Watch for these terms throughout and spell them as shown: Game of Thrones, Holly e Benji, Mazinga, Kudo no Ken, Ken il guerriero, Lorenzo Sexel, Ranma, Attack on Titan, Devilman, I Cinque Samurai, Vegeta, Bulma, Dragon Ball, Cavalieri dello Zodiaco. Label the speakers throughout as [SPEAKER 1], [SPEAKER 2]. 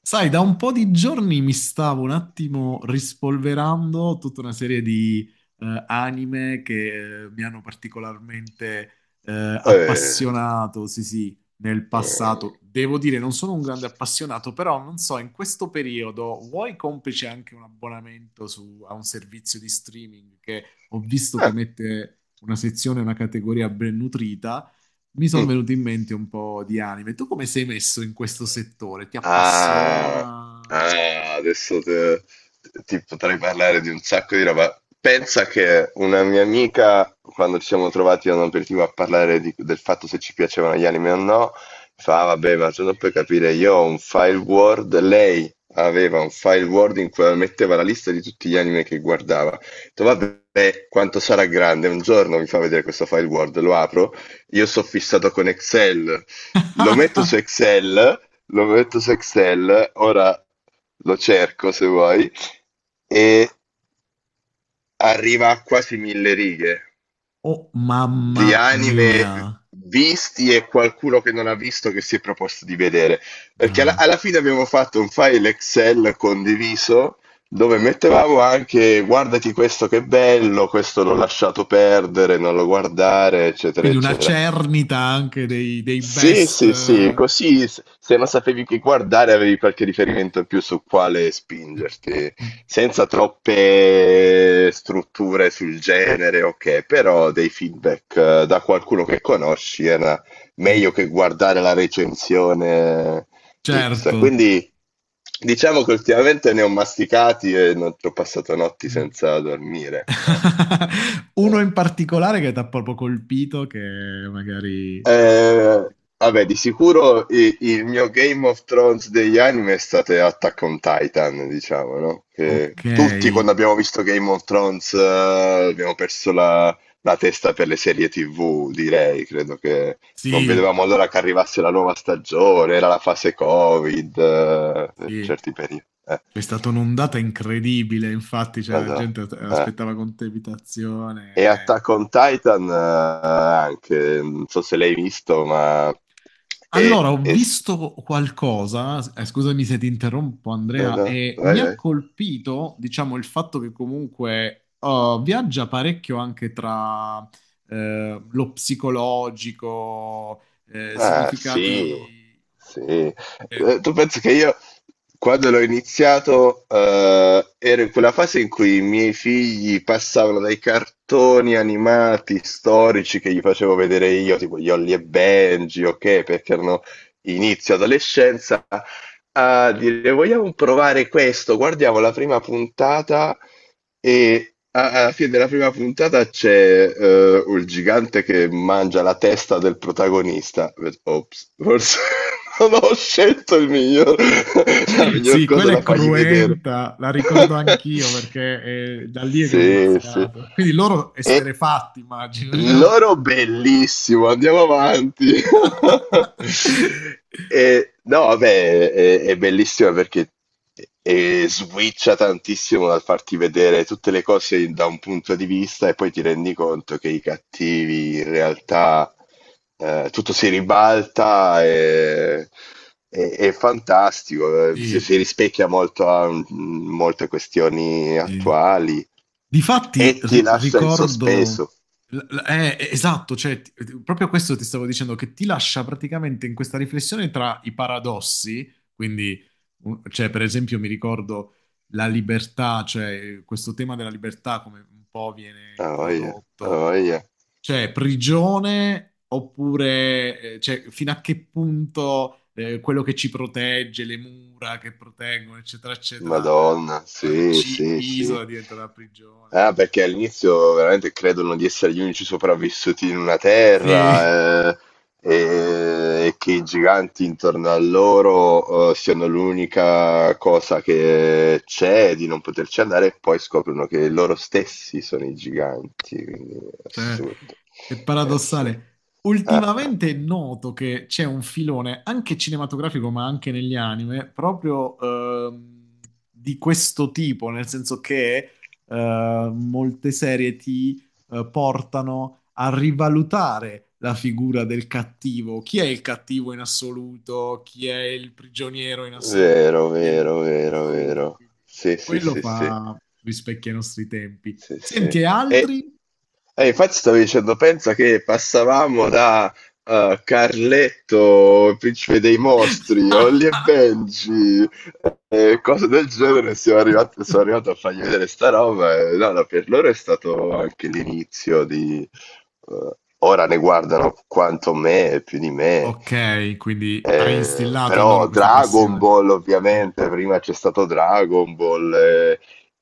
[SPEAKER 1] Sai, da un po' di giorni mi stavo un attimo rispolverando tutta una serie di anime che mi hanno particolarmente
[SPEAKER 2] Eh,
[SPEAKER 1] appassionato, sì sì, nel
[SPEAKER 2] eh,
[SPEAKER 1] passato. Devo dire, non sono un grande appassionato, però non so, in questo periodo vuoi complice anche un abbonamento a un servizio di streaming che ho visto che
[SPEAKER 2] ah,
[SPEAKER 1] mette una sezione, una categoria ben nutrita, mi sono
[SPEAKER 2] mm.
[SPEAKER 1] venuti in mente un po' di anime. Tu come sei messo in questo settore? Ti
[SPEAKER 2] Ah,
[SPEAKER 1] appassiona?
[SPEAKER 2] ah, adesso te- Ti potrei parlare di un sacco di roba. Pensa che una mia amica, quando ci siamo trovati a un aperitivo a parlare del fatto se ci piacevano gli anime o no, fa, "Ah, vabbè, ma tu non puoi capire, io ho un file Word, lei aveva un file Word in cui metteva la lista di tutti gli anime che guardava. Ho detto, vabbè, quanto sarà grande, un giorno mi fa vedere questo file Word, lo apro, io sono fissato con Excel, lo metto su Excel. Lorenzo Sexel, ora lo cerco se vuoi, e arriva a quasi 1000 righe
[SPEAKER 1] Oh, mamma
[SPEAKER 2] di
[SPEAKER 1] mia.
[SPEAKER 2] anime visti e qualcuno che non ha visto che si è proposto di vedere. Perché alla,
[SPEAKER 1] Ah.
[SPEAKER 2] alla fine abbiamo fatto un file Excel condiviso dove mettevamo anche guardati questo che bello, questo l'ho lasciato perdere, non lo guardare, eccetera,
[SPEAKER 1] Quindi una
[SPEAKER 2] eccetera.
[SPEAKER 1] cernita anche dei
[SPEAKER 2] Sì,
[SPEAKER 1] best.
[SPEAKER 2] sì, sì, così se non sapevi che guardare avevi qualche riferimento in più su quale spingerti, senza troppe strutture sul genere, ok, però dei feedback da qualcuno che conosci era
[SPEAKER 1] Eh.
[SPEAKER 2] meglio che guardare la recensione X.
[SPEAKER 1] Certo.
[SPEAKER 2] Quindi diciamo che ultimamente ne ho masticati e non ho passato notti
[SPEAKER 1] Mm.
[SPEAKER 2] senza dormire.
[SPEAKER 1] Uno
[SPEAKER 2] Eh.
[SPEAKER 1] in particolare che ti ha proprio colpito, che magari.
[SPEAKER 2] Eh,
[SPEAKER 1] Senti.
[SPEAKER 2] Vabbè, di sicuro il mio Game of Thrones degli anime è stato Attack on Titan, diciamo, no? Che
[SPEAKER 1] Ok.
[SPEAKER 2] tutti quando abbiamo visto Game of Thrones abbiamo perso la testa per le serie TV, direi. Credo che non
[SPEAKER 1] Sì,
[SPEAKER 2] vedevamo l'ora che arrivasse la nuova stagione, era la fase Covid, per
[SPEAKER 1] sì.
[SPEAKER 2] certi periodi.
[SPEAKER 1] C'è stata un'ondata incredibile, infatti, cioè, la
[SPEAKER 2] Vado,
[SPEAKER 1] gente
[SPEAKER 2] eh.
[SPEAKER 1] aspettava con
[SPEAKER 2] E
[SPEAKER 1] tepitazione.
[SPEAKER 2] Attack on Titan anche, non so se l'hai visto, ma
[SPEAKER 1] Allora, ho
[SPEAKER 2] è
[SPEAKER 1] visto qualcosa, scusami se ti interrompo,
[SPEAKER 2] No,
[SPEAKER 1] Andrea,
[SPEAKER 2] no,
[SPEAKER 1] e
[SPEAKER 2] vai,
[SPEAKER 1] mi ha
[SPEAKER 2] vai.
[SPEAKER 1] colpito, diciamo, il fatto che comunque oh, viaggia parecchio anche tra lo psicologico,
[SPEAKER 2] Ah, sì,
[SPEAKER 1] significati.
[SPEAKER 2] sì.
[SPEAKER 1] eh,
[SPEAKER 2] Tu pensi che io, quando l'ho iniziato, ero in quella fase in cui i miei figli passavano dai cartoni animati storici che gli facevo vedere io, tipo gli Holly e Benji, ok, perché erano inizio adolescenza, a dire vogliamo provare questo, guardiamo la prima puntata e alla fine della prima puntata c'è il gigante che mangia la testa del protagonista. Ops, forse non ho scelto il miglior, la miglior
[SPEAKER 1] Sì,
[SPEAKER 2] cosa
[SPEAKER 1] quella
[SPEAKER 2] da
[SPEAKER 1] è
[SPEAKER 2] fargli vedere.
[SPEAKER 1] cruenta, la ricordo anch'io perché è da lì che ho
[SPEAKER 2] Sì, sì.
[SPEAKER 1] iniziato. Quindi loro
[SPEAKER 2] E
[SPEAKER 1] esterefatti, immagino. Cioè.
[SPEAKER 2] loro bellissimo, andiamo avanti. No, vabbè, è bellissima perché switcha tantissimo dal farti vedere tutte le cose da un punto di vista e poi ti rendi conto che i cattivi in realtà tutto si ribalta è fantastico, si,
[SPEAKER 1] Sì,
[SPEAKER 2] si rispecchia molto a molte questioni
[SPEAKER 1] sì.
[SPEAKER 2] attuali
[SPEAKER 1] Difatti
[SPEAKER 2] e ti lascia in
[SPEAKER 1] ricordo.
[SPEAKER 2] sospeso.
[SPEAKER 1] Esatto, cioè, proprio questo ti stavo dicendo, che ti lascia praticamente in questa riflessione tra i paradossi, quindi, cioè, per esempio, mi ricordo la libertà, cioè questo tema della libertà come un po' viene
[SPEAKER 2] Ah, voglia, ah,
[SPEAKER 1] introdotto.
[SPEAKER 2] voglia.
[SPEAKER 1] Cioè, prigione oppure cioè, fino a che punto quello che ci protegge, le mura che proteggono, eccetera, eccetera,
[SPEAKER 2] Madonna, sì,
[SPEAKER 1] ci
[SPEAKER 2] sì, sì.
[SPEAKER 1] isola diventa una prigione.
[SPEAKER 2] Ah, perché all'inizio veramente credono di essere gli unici sopravvissuti in una
[SPEAKER 1] Sì,
[SPEAKER 2] terra, che i giganti intorno a loro, siano l'unica cosa che c'è di non poterci andare, e poi scoprono che loro stessi sono i giganti, quindi è
[SPEAKER 1] cioè,
[SPEAKER 2] assurdo,
[SPEAKER 1] è
[SPEAKER 2] è assurdo.
[SPEAKER 1] paradossale.
[SPEAKER 2] Ah, ah.
[SPEAKER 1] Ultimamente è noto che c'è un filone, anche cinematografico, ma anche negli anime, proprio di questo tipo, nel senso che molte serie ti portano a rivalutare la figura del cattivo. Chi è il cattivo in assoluto? Chi è il prigioniero in assoluto?
[SPEAKER 2] Vero,
[SPEAKER 1] Chi è il
[SPEAKER 2] vero,
[SPEAKER 1] libero in
[SPEAKER 2] vero,
[SPEAKER 1] assoluto? E
[SPEAKER 2] vero.
[SPEAKER 1] quindi
[SPEAKER 2] Sì, sì,
[SPEAKER 1] quello
[SPEAKER 2] sì, sì.
[SPEAKER 1] fa rispecchia i nostri tempi.
[SPEAKER 2] Sì,
[SPEAKER 1] Senti, e
[SPEAKER 2] sì. E,
[SPEAKER 1] altri?
[SPEAKER 2] e infatti stavo dicendo, pensa che passavamo da Carletto, il principe dei mostri, Holly e Benji, e cose del genere, sono arrivato a fargli vedere sta roba e no, no, per loro è stato anche l'inizio di. eh, Ora ne guardano quanto me, più di me,
[SPEAKER 1] Ok, quindi ha instillato in loro
[SPEAKER 2] però
[SPEAKER 1] questa
[SPEAKER 2] Dragon
[SPEAKER 1] passione.
[SPEAKER 2] Ball ovviamente, prima c'è stato Dragon Ball,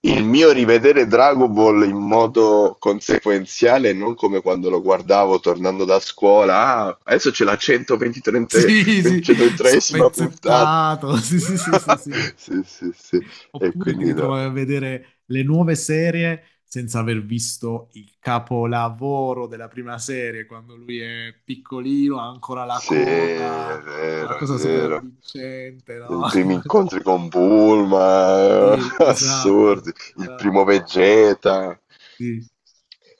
[SPEAKER 2] il mio rivedere Dragon Ball in modo consequenziale, non come quando lo guardavo tornando da scuola. Ah, adesso c'è la 123esima
[SPEAKER 1] Sì, sì,
[SPEAKER 2] 123esima puntata.
[SPEAKER 1] spezzettato. Sì, sì, sì, sì, sì.
[SPEAKER 2] Sì, sì, sì. E
[SPEAKER 1] Oppure ti
[SPEAKER 2] quindi no.
[SPEAKER 1] ritrovavi a vedere le nuove serie senza aver visto il capolavoro della prima serie, quando lui è piccolino, ha ancora la
[SPEAKER 2] Sì, è
[SPEAKER 1] coda, una
[SPEAKER 2] vero, è
[SPEAKER 1] cosa super
[SPEAKER 2] vero.
[SPEAKER 1] avvincente, no?
[SPEAKER 2] I primi incontri con Bulma,
[SPEAKER 1] Sì,
[SPEAKER 2] assurdi.
[SPEAKER 1] esatto,
[SPEAKER 2] Il
[SPEAKER 1] esatto.
[SPEAKER 2] primo Vegeta.
[SPEAKER 1] Sì.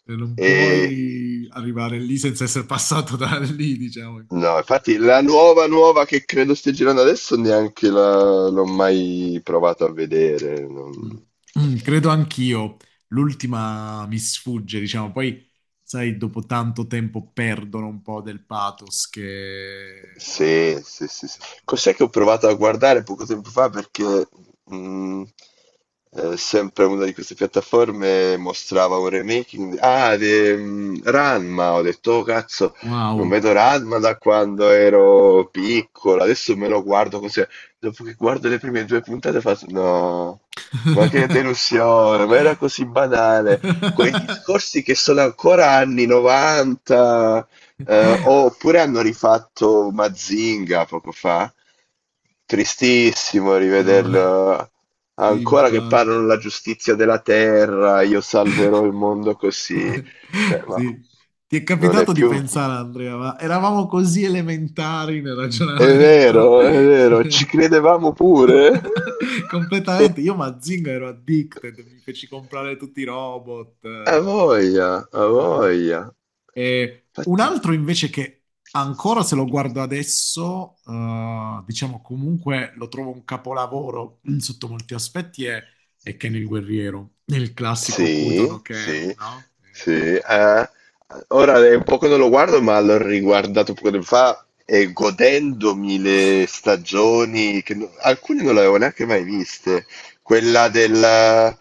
[SPEAKER 1] E non
[SPEAKER 2] E
[SPEAKER 1] puoi arrivare lì senza essere passato da lì, diciamo, in qualche
[SPEAKER 2] no,
[SPEAKER 1] modo.
[SPEAKER 2] infatti la nuova nuova che credo stia girando adesso neanche l'ho mai provato a vedere.
[SPEAKER 1] Mm. Mm, credo anch'io, l'ultima mi sfugge, diciamo, poi sai, dopo tanto tempo perdono un po' del pathos.
[SPEAKER 2] Sì, sì, sì, sì. Cos'è che ho provato a guardare poco tempo fa? Perché mh, sempre una di queste piattaforme mostrava un remaking di Ranma. Ho detto, oh, cazzo, non
[SPEAKER 1] Wow.
[SPEAKER 2] vedo Ranma da quando ero piccolo. Adesso me lo guardo così. Dopo che guardo le prime due puntate faccio, no, ma che delusione, ma era così banale. Quei discorsi che sono ancora anni 90. Oppure hanno rifatto Mazinga poco fa. Tristissimo
[SPEAKER 1] No,
[SPEAKER 2] rivederlo.
[SPEAKER 1] sì,
[SPEAKER 2] Ancora che parlano
[SPEAKER 1] infatti.
[SPEAKER 2] la giustizia della terra, io salverò il mondo così. Cioè, ma
[SPEAKER 1] Sì. Ti è
[SPEAKER 2] non è
[SPEAKER 1] capitato di
[SPEAKER 2] più.
[SPEAKER 1] pensare, Andrea, ma eravamo così elementari nel ragionamento.
[SPEAKER 2] È vero, ci credevamo pure.
[SPEAKER 1] Completamente, io Mazinga ero addicted, mi feci comprare tutti i robot.
[SPEAKER 2] A voglia, a voglia.
[SPEAKER 1] Eh. E un
[SPEAKER 2] Infatti,
[SPEAKER 1] altro invece che ancora se lo guardo adesso, diciamo comunque lo trovo un capolavoro sotto molti aspetti, è Ken il guerriero, il classico Kudo
[SPEAKER 2] sì,
[SPEAKER 1] no Ken,
[SPEAKER 2] sì,
[SPEAKER 1] no?
[SPEAKER 2] sì. Ora è un po' che non lo guardo, ma l'ho riguardato poco tempo fa e godendomi le stagioni, che alcune non le avevo neanche mai viste. Quella del,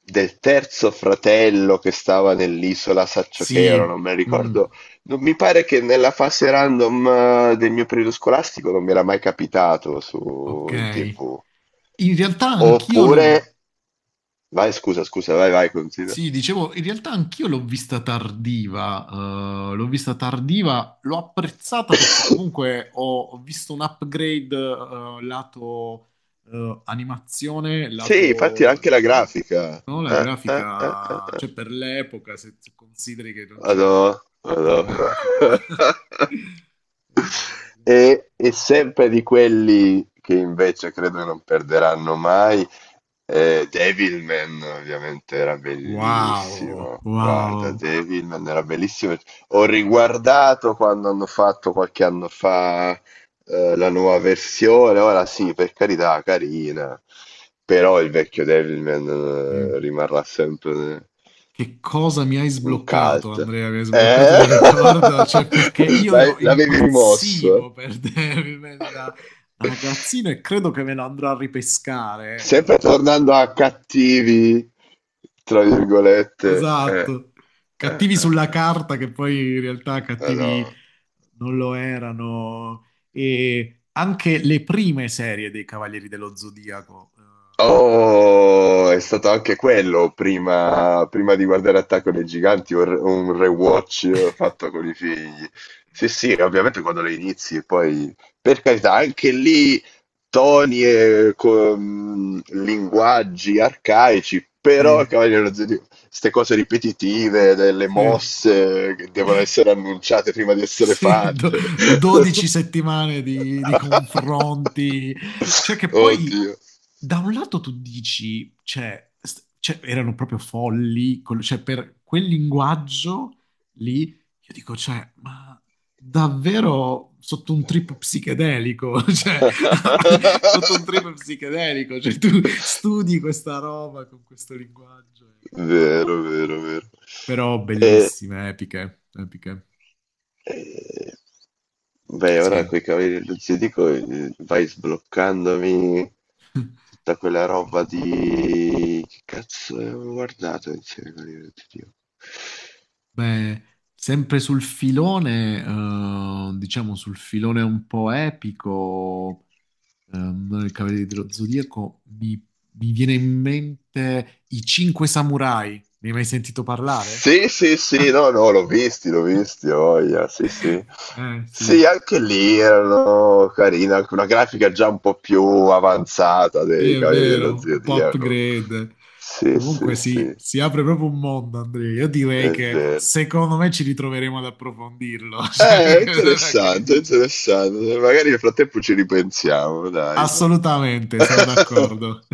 [SPEAKER 2] del terzo fratello che stava nell'isola Saccio Chero, non
[SPEAKER 1] Sì,
[SPEAKER 2] me la
[SPEAKER 1] mm,
[SPEAKER 2] ricordo. Non mi pare che nella fase random del mio periodo scolastico non mi era mai capitato
[SPEAKER 1] ok.
[SPEAKER 2] su, in TV.
[SPEAKER 1] In realtà anch'io lo
[SPEAKER 2] Oppure, vai, scusa, scusa, vai, vai, considera.
[SPEAKER 1] Sì, dicevo, in realtà anch'io l'ho vista tardiva, l'ho vista tardiva, l'ho apprezzata perché comunque ho visto un upgrade lato animazione,
[SPEAKER 2] Sì, infatti
[SPEAKER 1] lato.
[SPEAKER 2] anche la
[SPEAKER 1] No?
[SPEAKER 2] grafica.
[SPEAKER 1] No, la
[SPEAKER 2] Ah, ah, ah, ah,
[SPEAKER 1] grafica,
[SPEAKER 2] ah.
[SPEAKER 1] cioè per l'epoca, se consideri che non c'era tutta
[SPEAKER 2] Madò,
[SPEAKER 1] la
[SPEAKER 2] madò.
[SPEAKER 1] grafica. Eh,
[SPEAKER 2] E sempre di quelli che invece credo non perderanno mai, Devilman ovviamente era
[SPEAKER 1] Wow,
[SPEAKER 2] bellissimo. Guarda,
[SPEAKER 1] wow.
[SPEAKER 2] Devilman era bellissimo. Ho riguardato quando hanno fatto qualche anno fa la nuova versione. Ora sì, per carità, carina. Però il vecchio Devilman rimarrà sempre
[SPEAKER 1] Che cosa mi hai
[SPEAKER 2] un
[SPEAKER 1] sbloccato,
[SPEAKER 2] cult.
[SPEAKER 1] Andrea? Mi hai sbloccato un
[SPEAKER 2] Eh?
[SPEAKER 1] ricordo, cioè perché io ero
[SPEAKER 2] L'avevi rimosso?
[SPEAKER 1] impazzivo per Devilman da ragazzino e credo che me lo andrò a ripescare. Me lo
[SPEAKER 2] Sempre
[SPEAKER 1] andrò a ri-
[SPEAKER 2] tornando a cattivi, tra virgolette. Eh,
[SPEAKER 1] Esatto,
[SPEAKER 2] eh,
[SPEAKER 1] cattivi sulla
[SPEAKER 2] eh.
[SPEAKER 1] carta che poi in realtà cattivi
[SPEAKER 2] Madonna.
[SPEAKER 1] non lo erano. E anche le prime serie dei Cavalieri dello Zodiaco.
[SPEAKER 2] Oh, è stato anche quello prima di guardare Attacco dei Giganti, un rewatch fatto con i figli. Sì, sì, ovviamente quando le inizi, poi per carità, anche lì toni e linguaggi arcaici, però il
[SPEAKER 1] Sì,
[SPEAKER 2] Cavaliere dello Zodiaco, queste cose ripetitive delle
[SPEAKER 1] sì.
[SPEAKER 2] mosse che devono essere annunciate prima di essere
[SPEAKER 1] Sì,
[SPEAKER 2] fatte.
[SPEAKER 1] 12 settimane di confronti, cioè che poi
[SPEAKER 2] Oddio.
[SPEAKER 1] da un lato tu dici, cioè, cioè, erano proprio folli, cioè per quel linguaggio lì, io dico, cioè, ma davvero sotto un trip psichedelico, cioè, sotto un trip psichedelico, cioè tu studi questa roba con questo linguaggio,
[SPEAKER 2] Vero, vero, vero.
[SPEAKER 1] però
[SPEAKER 2] E,
[SPEAKER 1] bellissime, epiche, epiche,
[SPEAKER 2] e- Beh, ora
[SPEAKER 1] sì.
[SPEAKER 2] coi Cavalieri del Zodiaco vai sbloccandomi tutta quella roba di. Che cazzo avevo guardato insieme ai Cavalieri del Zodiaco?
[SPEAKER 1] Beh, sempre sul filone, diciamo sul filone un po' epico, non il Cavaliere dello Zodiaco, mi viene in mente I Cinque Samurai. Ne hai mai sentito parlare?
[SPEAKER 2] Sì, sì, sì, no, no, l'ho visti, ho voglia, sì, sì.
[SPEAKER 1] Eh
[SPEAKER 2] Sì,
[SPEAKER 1] sì,
[SPEAKER 2] anche lì erano carina, anche una grafica già un po' più avanzata
[SPEAKER 1] sì,
[SPEAKER 2] dei
[SPEAKER 1] è
[SPEAKER 2] Cavalieri dello
[SPEAKER 1] vero, un po'
[SPEAKER 2] Zodiaco.
[SPEAKER 1] upgrade.
[SPEAKER 2] Sì, sì,
[SPEAKER 1] Comunque sì,
[SPEAKER 2] sì,
[SPEAKER 1] si apre proprio un mondo, Andrea. Io direi
[SPEAKER 2] è
[SPEAKER 1] che
[SPEAKER 2] vero.
[SPEAKER 1] secondo me ci ritroveremo ad approfondirlo. Cioè, che ne
[SPEAKER 2] Interessante,
[SPEAKER 1] dici?
[SPEAKER 2] interessante. Magari nel frattempo ci ripensiamo, dai.
[SPEAKER 1] Assolutamente, sono d'accordo.